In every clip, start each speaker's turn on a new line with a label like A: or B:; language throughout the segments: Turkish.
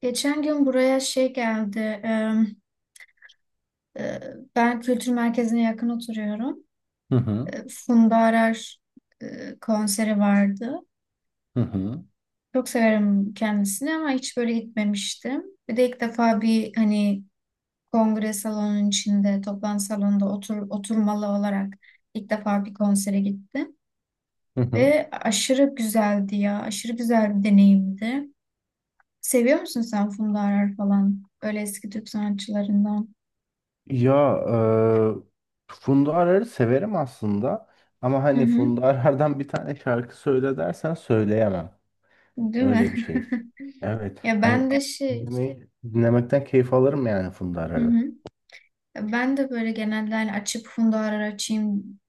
A: Geçen gün buraya şey geldi. E, Ben kültür merkezine yakın oturuyorum.
B: Hı hı.
A: Funda Arar konseri vardı.
B: Hı hı.
A: Çok severim kendisini ama hiç böyle gitmemiştim. Bir de ilk defa bir hani kongre salonunun içinde, toplantı salonunda oturmalı olarak ilk defa bir konsere gittim.
B: Hı hı.
A: Ve aşırı güzeldi ya. Aşırı güzel bir deneyimdi. Seviyor musun sen Funda Arar falan? Öyle eski Türk sanatçılarından.
B: Ya Funda Arar'ı severim aslında ama
A: Hı
B: hani
A: hı.
B: Funda Arar'dan bir tane şarkı söyle dersen söyleyemem.
A: Değil
B: Öyle bir
A: mi?
B: şey. Evet.
A: Ya
B: Hani
A: ben de şey,
B: dinlemekten keyif alırım yani Funda
A: hı
B: Arar'ı.
A: hı. Ya ben de böyle genelde hani açıp Funda Arar açayım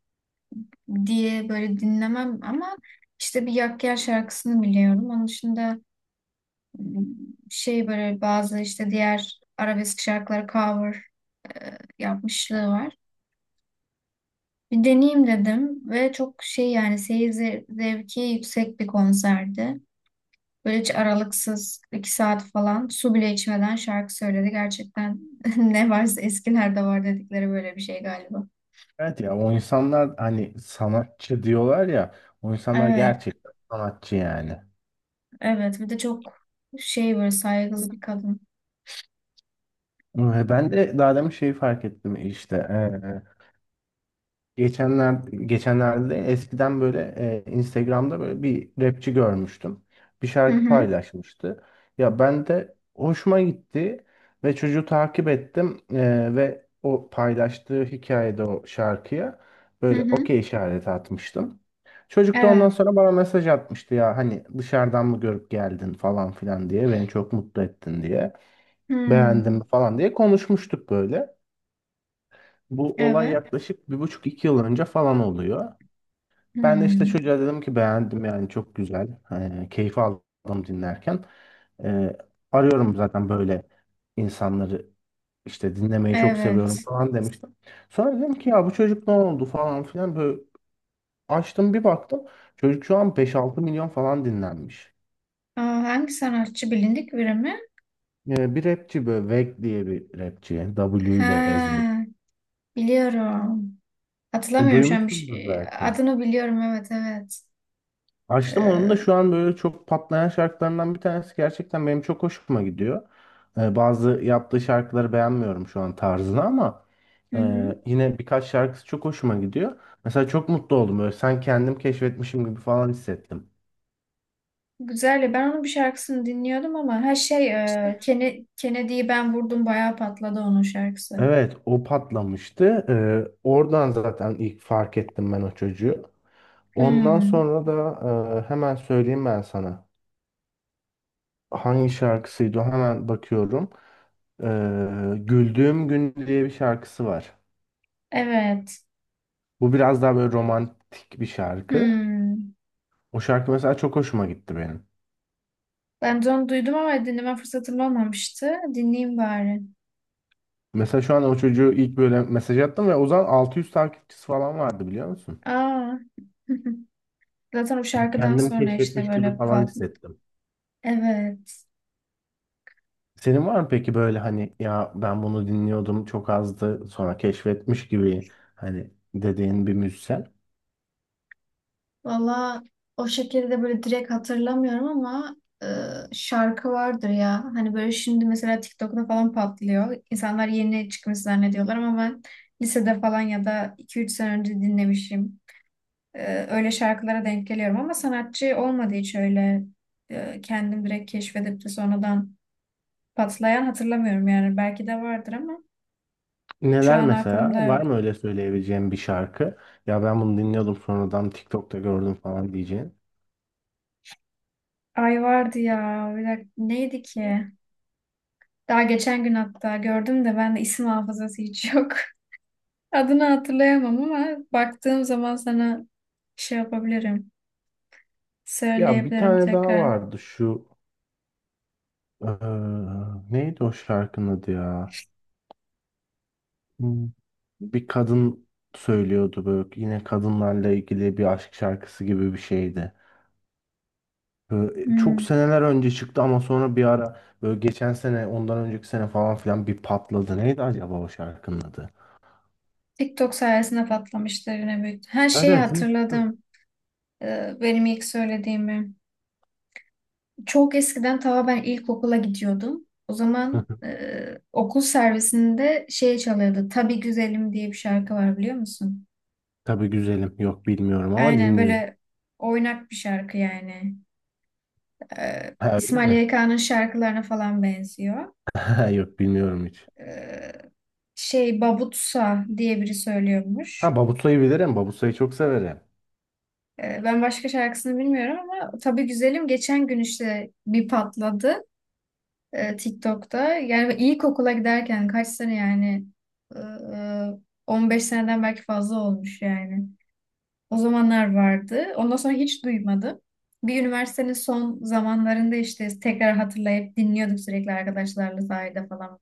A: diye böyle dinlemem ama işte bir Yak Gel şarkısını biliyorum. Onun dışında m, şey böyle bazı işte diğer arabesk şarkıları cover yapmışlığı var. Bir deneyeyim dedim ve çok şey yani seyir zevki yüksek bir konserdi. Böyle hiç aralıksız iki saat falan su bile içmeden şarkı söyledi. Gerçekten ne varsa eskilerde var dedikleri böyle bir şey galiba.
B: Evet ya o insanlar hani sanatçı diyorlar ya o insanlar
A: Evet,
B: gerçekten sanatçı yani.
A: evet. Bir de çok şey böyle saygılı bir kadın.
B: Ve ben de daha demin şeyi fark ettim işte Geçenler, geçenlerde eskiden böyle Instagram'da böyle bir rapçi görmüştüm. Bir
A: Hı
B: şarkı
A: hı,
B: paylaşmıştı. Ya ben de hoşuma gitti ve çocuğu takip ettim. Ve o paylaştığı hikayede o şarkıya
A: hı
B: böyle
A: hı.
B: okey işareti atmıştım. Çocuk da ondan
A: Evet.
B: sonra bana mesaj atmıştı ya hani dışarıdan mı görüp geldin falan filan diye beni çok mutlu ettin diye beğendim
A: Hmm,
B: falan diye konuşmuştuk böyle. Bu olay
A: evet.
B: yaklaşık bir buçuk iki yıl önce falan oluyor. Ben de işte
A: Hmm,
B: çocuğa dedim ki beğendim yani çok güzel. Keyif aldım dinlerken. Ee, Arıyorum zaten böyle insanları işte dinlemeyi çok seviyorum
A: evet.
B: falan demiştim. Sonra dedim ki ya bu çocuk ne oldu falan filan böyle açtım bir baktım. Çocuk şu an beş altı milyon falan dinlenmiş.
A: Aa, hangi sanatçı bilindik biri mi?
B: Bir rapçi böyle Veg diye bir rapçi. W ile yazılır.
A: Ha, biliyorum. Hatırlamıyorum şu an
B: Duymuşsundur belki.
A: adını biliyorum, evet, evet.
B: Açtım onun da
A: Ee,
B: şu an böyle çok patlayan şarkılarından bir tanesi gerçekten benim çok hoşuma gidiyor. Bazı yaptığı şarkıları beğenmiyorum şu an tarzını ama
A: hı
B: e,
A: hı.
B: yine birkaç şarkısı çok hoşuma gidiyor. Mesela çok mutlu oldum böyle sen kendim keşfetmişim gibi falan hissettim.
A: Güzel ya, ben onun bir şarkısını dinliyordum ama her şey Kennedy'yi ben vurdum bayağı patladı onun şarkısı.
B: Evet o patlamıştı. Oradan zaten ilk fark ettim ben o çocuğu. Ondan
A: Hmm,
B: sonra da hemen söyleyeyim ben sana. Hangi şarkısıydı o? Hemen bakıyorum. Güldüğüm Gün diye bir şarkısı var.
A: evet.
B: Bu biraz daha böyle romantik bir şarkı.
A: Hmm.
B: O şarkı mesela çok hoşuma gitti benim.
A: Ben de onu duydum ama dinleme fırsatım olmamıştı. Dinleyeyim bari.
B: Mesela şu an o çocuğu ilk böyle mesaj attım ve o zaman 600 takipçisi falan vardı biliyor musun?
A: Aa. Zaten o şarkıdan
B: Kendimi
A: sonra işte
B: keşfetmiş gibi
A: böyle
B: falan
A: pat.
B: hissettim.
A: Evet.
B: Senin var mı peki böyle hani ya ben bunu dinliyordum çok azdı sonra keşfetmiş gibi hani dediğin bir müzisyen?
A: Valla o şekilde böyle direkt hatırlamıyorum ama e, şarkı vardır ya. Hani böyle şimdi mesela TikTok'ta falan patlıyor. İnsanlar yeni çıkmış zannediyorlar ama ben lisede falan ya da iki üç sene önce dinlemişim. E, öyle şarkılara denk geliyorum ama sanatçı olmadı hiç öyle, kendim direkt keşfedip de sonradan patlayan hatırlamıyorum yani. Belki de vardır ama şu
B: Neler
A: an
B: mesela?
A: aklımda
B: Var
A: yok.
B: mı öyle söyleyebileceğim bir şarkı? Ya ben bunu dinliyordum sonradan TikTok'ta gördüm falan diyeceğin.
A: Ay, vardı ya. Bir dakika, neydi ki? Daha geçen gün hatta gördüm de, ben de isim hafızası hiç yok. Adını hatırlayamam ama baktığım zaman sana şey yapabilirim.
B: Ya bir
A: Söyleyebilirim
B: tane daha
A: tekrar.
B: vardı şu eee, neydi o şarkının adı ya? Hmm, Bir kadın söylüyordu böyle yine kadınlarla ilgili bir aşk şarkısı gibi bir şeydi. Böyle çok
A: Hmm.
B: seneler önce çıktı ama sonra bir ara böyle geçen sene ondan önceki sene falan filan bir patladı. Neydi acaba o şarkının adı?
A: TikTok sayesinde patlamıştır yine büyük. Her
B: Evet,
A: şeyi
B: evet. Hı.
A: hatırladım. Benim ilk söylediğimi. Çok eskiden ta ben ilkokula gidiyordum. O zaman okul servisinde şey çalıyordu. Tabii Güzelim diye bir şarkı var, biliyor musun?
B: Tabii güzelim. Yok bilmiyorum ama
A: Aynen
B: dinleyeyim.
A: böyle oynak bir şarkı yani.
B: Ha, öyle
A: İsmail
B: mi?
A: YK'nın şarkılarına falan benziyor.
B: Ha, yok bilmiyorum hiç.
A: Ee, şey Babutsa diye biri
B: Ha,
A: söylüyormuş.
B: Babusay'ı bilirim. Babusay'ı çok severim.
A: Ben başka şarkısını bilmiyorum ama Tabii Güzelim geçen gün işte bir patladı TikTok'ta. Yani ilkokula giderken kaç sene yani. Ee, 15 seneden belki fazla olmuş yani. O zamanlar vardı. Ondan sonra hiç duymadım. Bir üniversitenin son zamanlarında işte tekrar hatırlayıp dinliyorduk sürekli arkadaşlarla sahilde falan,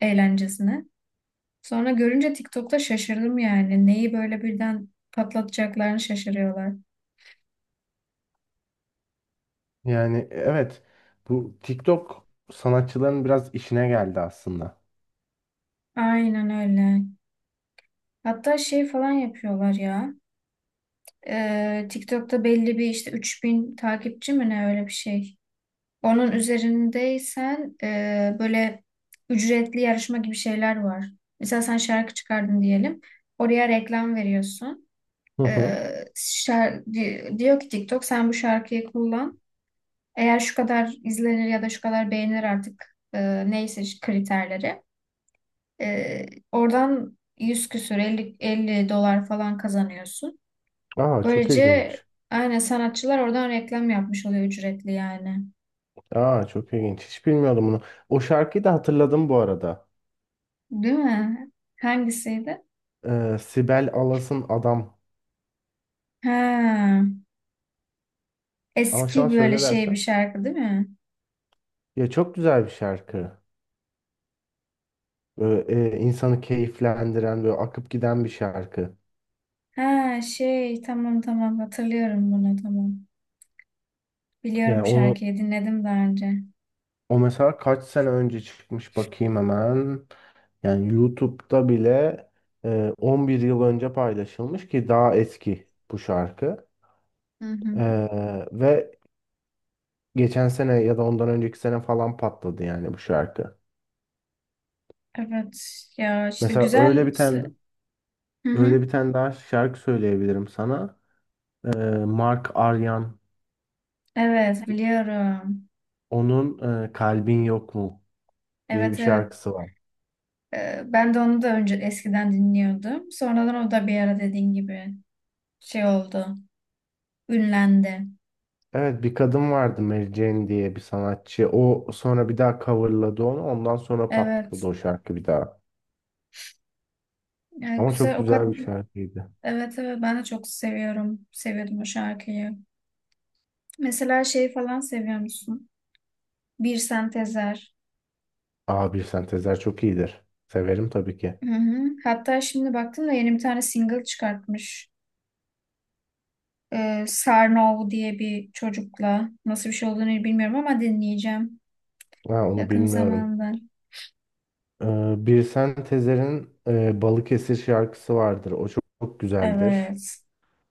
A: eğlencesine. Sonra görünce TikTok'ta şaşırdım yani. Neyi böyle birden patlatacaklarını şaşırıyorlar.
B: Yani evet, bu TikTok sanatçıların biraz işine geldi aslında.
A: Aynen öyle. Hatta şey falan yapıyorlar ya. TikTok'ta belli bir işte 3000 takipçi mi ne, öyle bir şey. Onun üzerindeysen böyle ücretli yarışma gibi şeyler var. Mesela sen şarkı çıkardın diyelim. Oraya reklam veriyorsun.
B: Hı hı.
A: Diyor ki TikTok, sen bu şarkıyı kullan. Eğer şu kadar izlenir ya da şu kadar beğenir artık, neyse kriterleri. E, Oradan 100 küsür, elli, 50 dolar falan kazanıyorsun.
B: Aa, çok
A: Böylece
B: ilginç.
A: aynen sanatçılar oradan reklam yapmış oluyor ücretli yani.
B: Aa, çok ilginç. Hiç bilmiyordum bunu. O şarkıyı da hatırladım bu arada.
A: Değil mi? Hangisiydi?
B: Sibel Alas'ın Adam.
A: Ha,
B: Ama şu an
A: eski böyle
B: söyle
A: şey bir
B: dersen.
A: şarkı değil mi?
B: Ya çok güzel bir şarkı. Böyle, insanı keyiflendiren böyle akıp giden bir şarkı.
A: Ha şey, tamam tamam, hatırlıyorum bunu, tamam.
B: Yani
A: Biliyorum
B: onu
A: şarkıyı, dinledim daha önce.
B: o mesela kaç sene önce çıkmış bakayım hemen. Yani YouTube'da bile 11 yıl önce paylaşılmış ki daha eski bu şarkı.
A: Hı hı.
B: E, ve geçen sene ya da ondan önceki sene falan patladı yani bu şarkı.
A: Evet ya, işte
B: Mesela öyle
A: güzel.
B: bir tane
A: Hı hı.
B: öyle bir tane daha şarkı söyleyebilirim sana. E, Mark Aryan
A: Evet biliyorum.
B: onun Kalbin Yok Mu diye bir
A: Evet, evet.
B: şarkısı var.
A: Ben de onu da önce eskiden dinliyordum. Sonradan o da bir ara dediğin gibi şey oldu. Ünlendi.
B: Evet, bir kadın vardı Mary Jane diye bir sanatçı. O sonra bir daha coverladı onu. Ondan sonra patladı
A: Evet.
B: o şarkı bir daha.
A: Yani
B: Ama çok
A: güzel o kadar.
B: güzel bir şarkıydı.
A: Evet, evet, ben de çok seviyorum. Seviyordum o şarkıyı. Mesela şeyi falan seviyor musun? Bir Sentezer.
B: Aa, bir sentezler çok iyidir. Severim tabii ki.
A: Hı hı. Hatta şimdi baktım da yeni bir tane single çıkartmış. Sarnov diye bir çocukla. Nasıl bir şey olduğunu bilmiyorum ama dinleyeceğim.
B: Ha, onu
A: Yakın
B: bilmiyorum.
A: zamanda.
B: Birsen Sentezer'in Balıkesir şarkısı vardır. O çok, çok güzeldir.
A: Evet.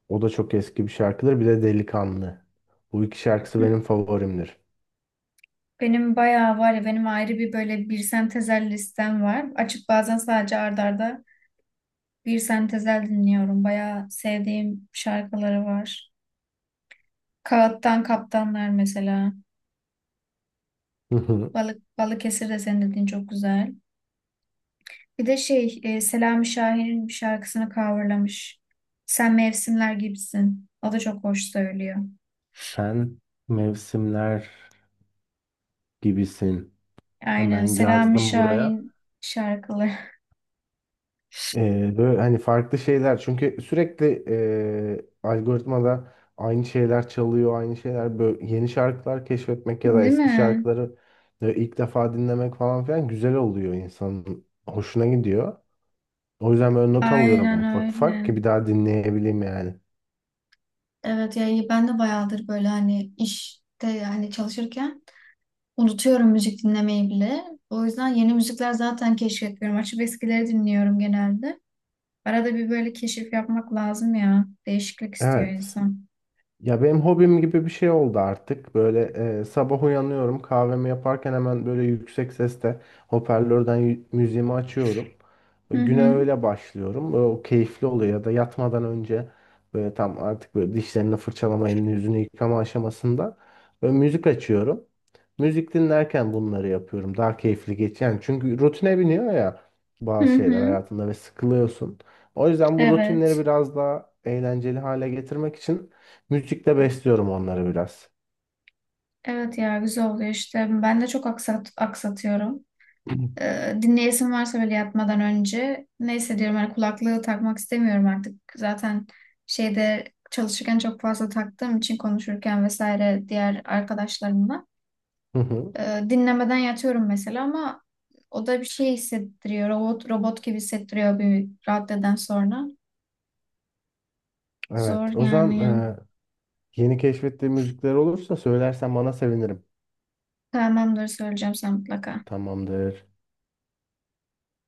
B: O da çok eski bir şarkıdır. Bir de Delikanlı. Bu iki şarkısı benim favorimdir.
A: Benim bayağı var ya, benim ayrı bir böyle bir sentezel listem var. Açıp bazen sadece art arda bir sentezel dinliyorum. Bayağı sevdiğim şarkıları var. Kağıttan Kaptanlar mesela.
B: Hı hı.
A: Balık Balıkesir de senin dediğin çok güzel. Bir de şey, Selami Şahin'in bir şarkısını coverlamış. Sen Mevsimler Gibisin. O da çok hoş söylüyor.
B: Sen mevsimler gibisin.
A: Aynen
B: Hemen
A: Selami
B: yazdım buraya.
A: Şahin şarkıları.
B: Böyle hani farklı şeyler çünkü sürekli algoritmada aynı şeyler çalıyor aynı şeyler, böyle yeni şarkılar keşfetmek ya da
A: Değil
B: eski
A: mi?
B: şarkıları ilk defa dinlemek falan filan güzel oluyor, insanın hoşuna gidiyor. O yüzden böyle not alıyorum
A: Aynen
B: ufak ufak
A: öyle.
B: ki bir daha dinleyebileyim yani.
A: Evet yani, ben de bayağıdır böyle hani işte yani çalışırken unutuyorum müzik dinlemeyi bile. O yüzden yeni müzikler zaten keşfetmiyorum. Açıp eskileri dinliyorum genelde. Arada bir böyle keşif yapmak lazım ya. Değişiklik istiyor
B: Evet.
A: insan.
B: Ya benim hobim gibi bir şey oldu artık. Böyle, sabah uyanıyorum, kahvemi yaparken hemen böyle yüksek sesle hoparlörden müziğimi açıyorum.
A: Hı
B: Güne
A: hı.
B: öyle başlıyorum. Böyle o keyifli oluyor ya da yatmadan önce böyle tam artık böyle dişlerini fırçalama, elini yüzünü yıkama aşamasında böyle müzik açıyorum. Müzik dinlerken bunları yapıyorum. Daha keyifli geçiyor. Yani çünkü rutine biniyor ya
A: Hı
B: bazı şeyler
A: hı.
B: hayatında ve sıkılıyorsun. O yüzden bu rutinleri
A: Evet.
B: biraz daha eğlenceli hale getirmek için müzikle besliyorum onları biraz.
A: Evet ya, güzel oluyor işte. Ben de çok aksatıyorum.
B: Hı
A: Dinleyesim varsa böyle yatmadan önce, neyse diyorum, hani kulaklığı takmak istemiyorum artık. Zaten şeyde çalışırken çok fazla taktığım için, konuşurken vesaire diğer arkadaşlarımla.
B: hı.
A: Dinlemeden yatıyorum mesela ama o da bir şey hissettiriyor. Robot robot gibi hissettiriyor bir raddeden sonra. Zor
B: Evet. O zaman
A: yani.
B: yeni keşfettiğin müzikler olursa söylersen bana sevinirim.
A: Tamamdır, söyleyeceğim sen mutlaka.
B: Tamamdır.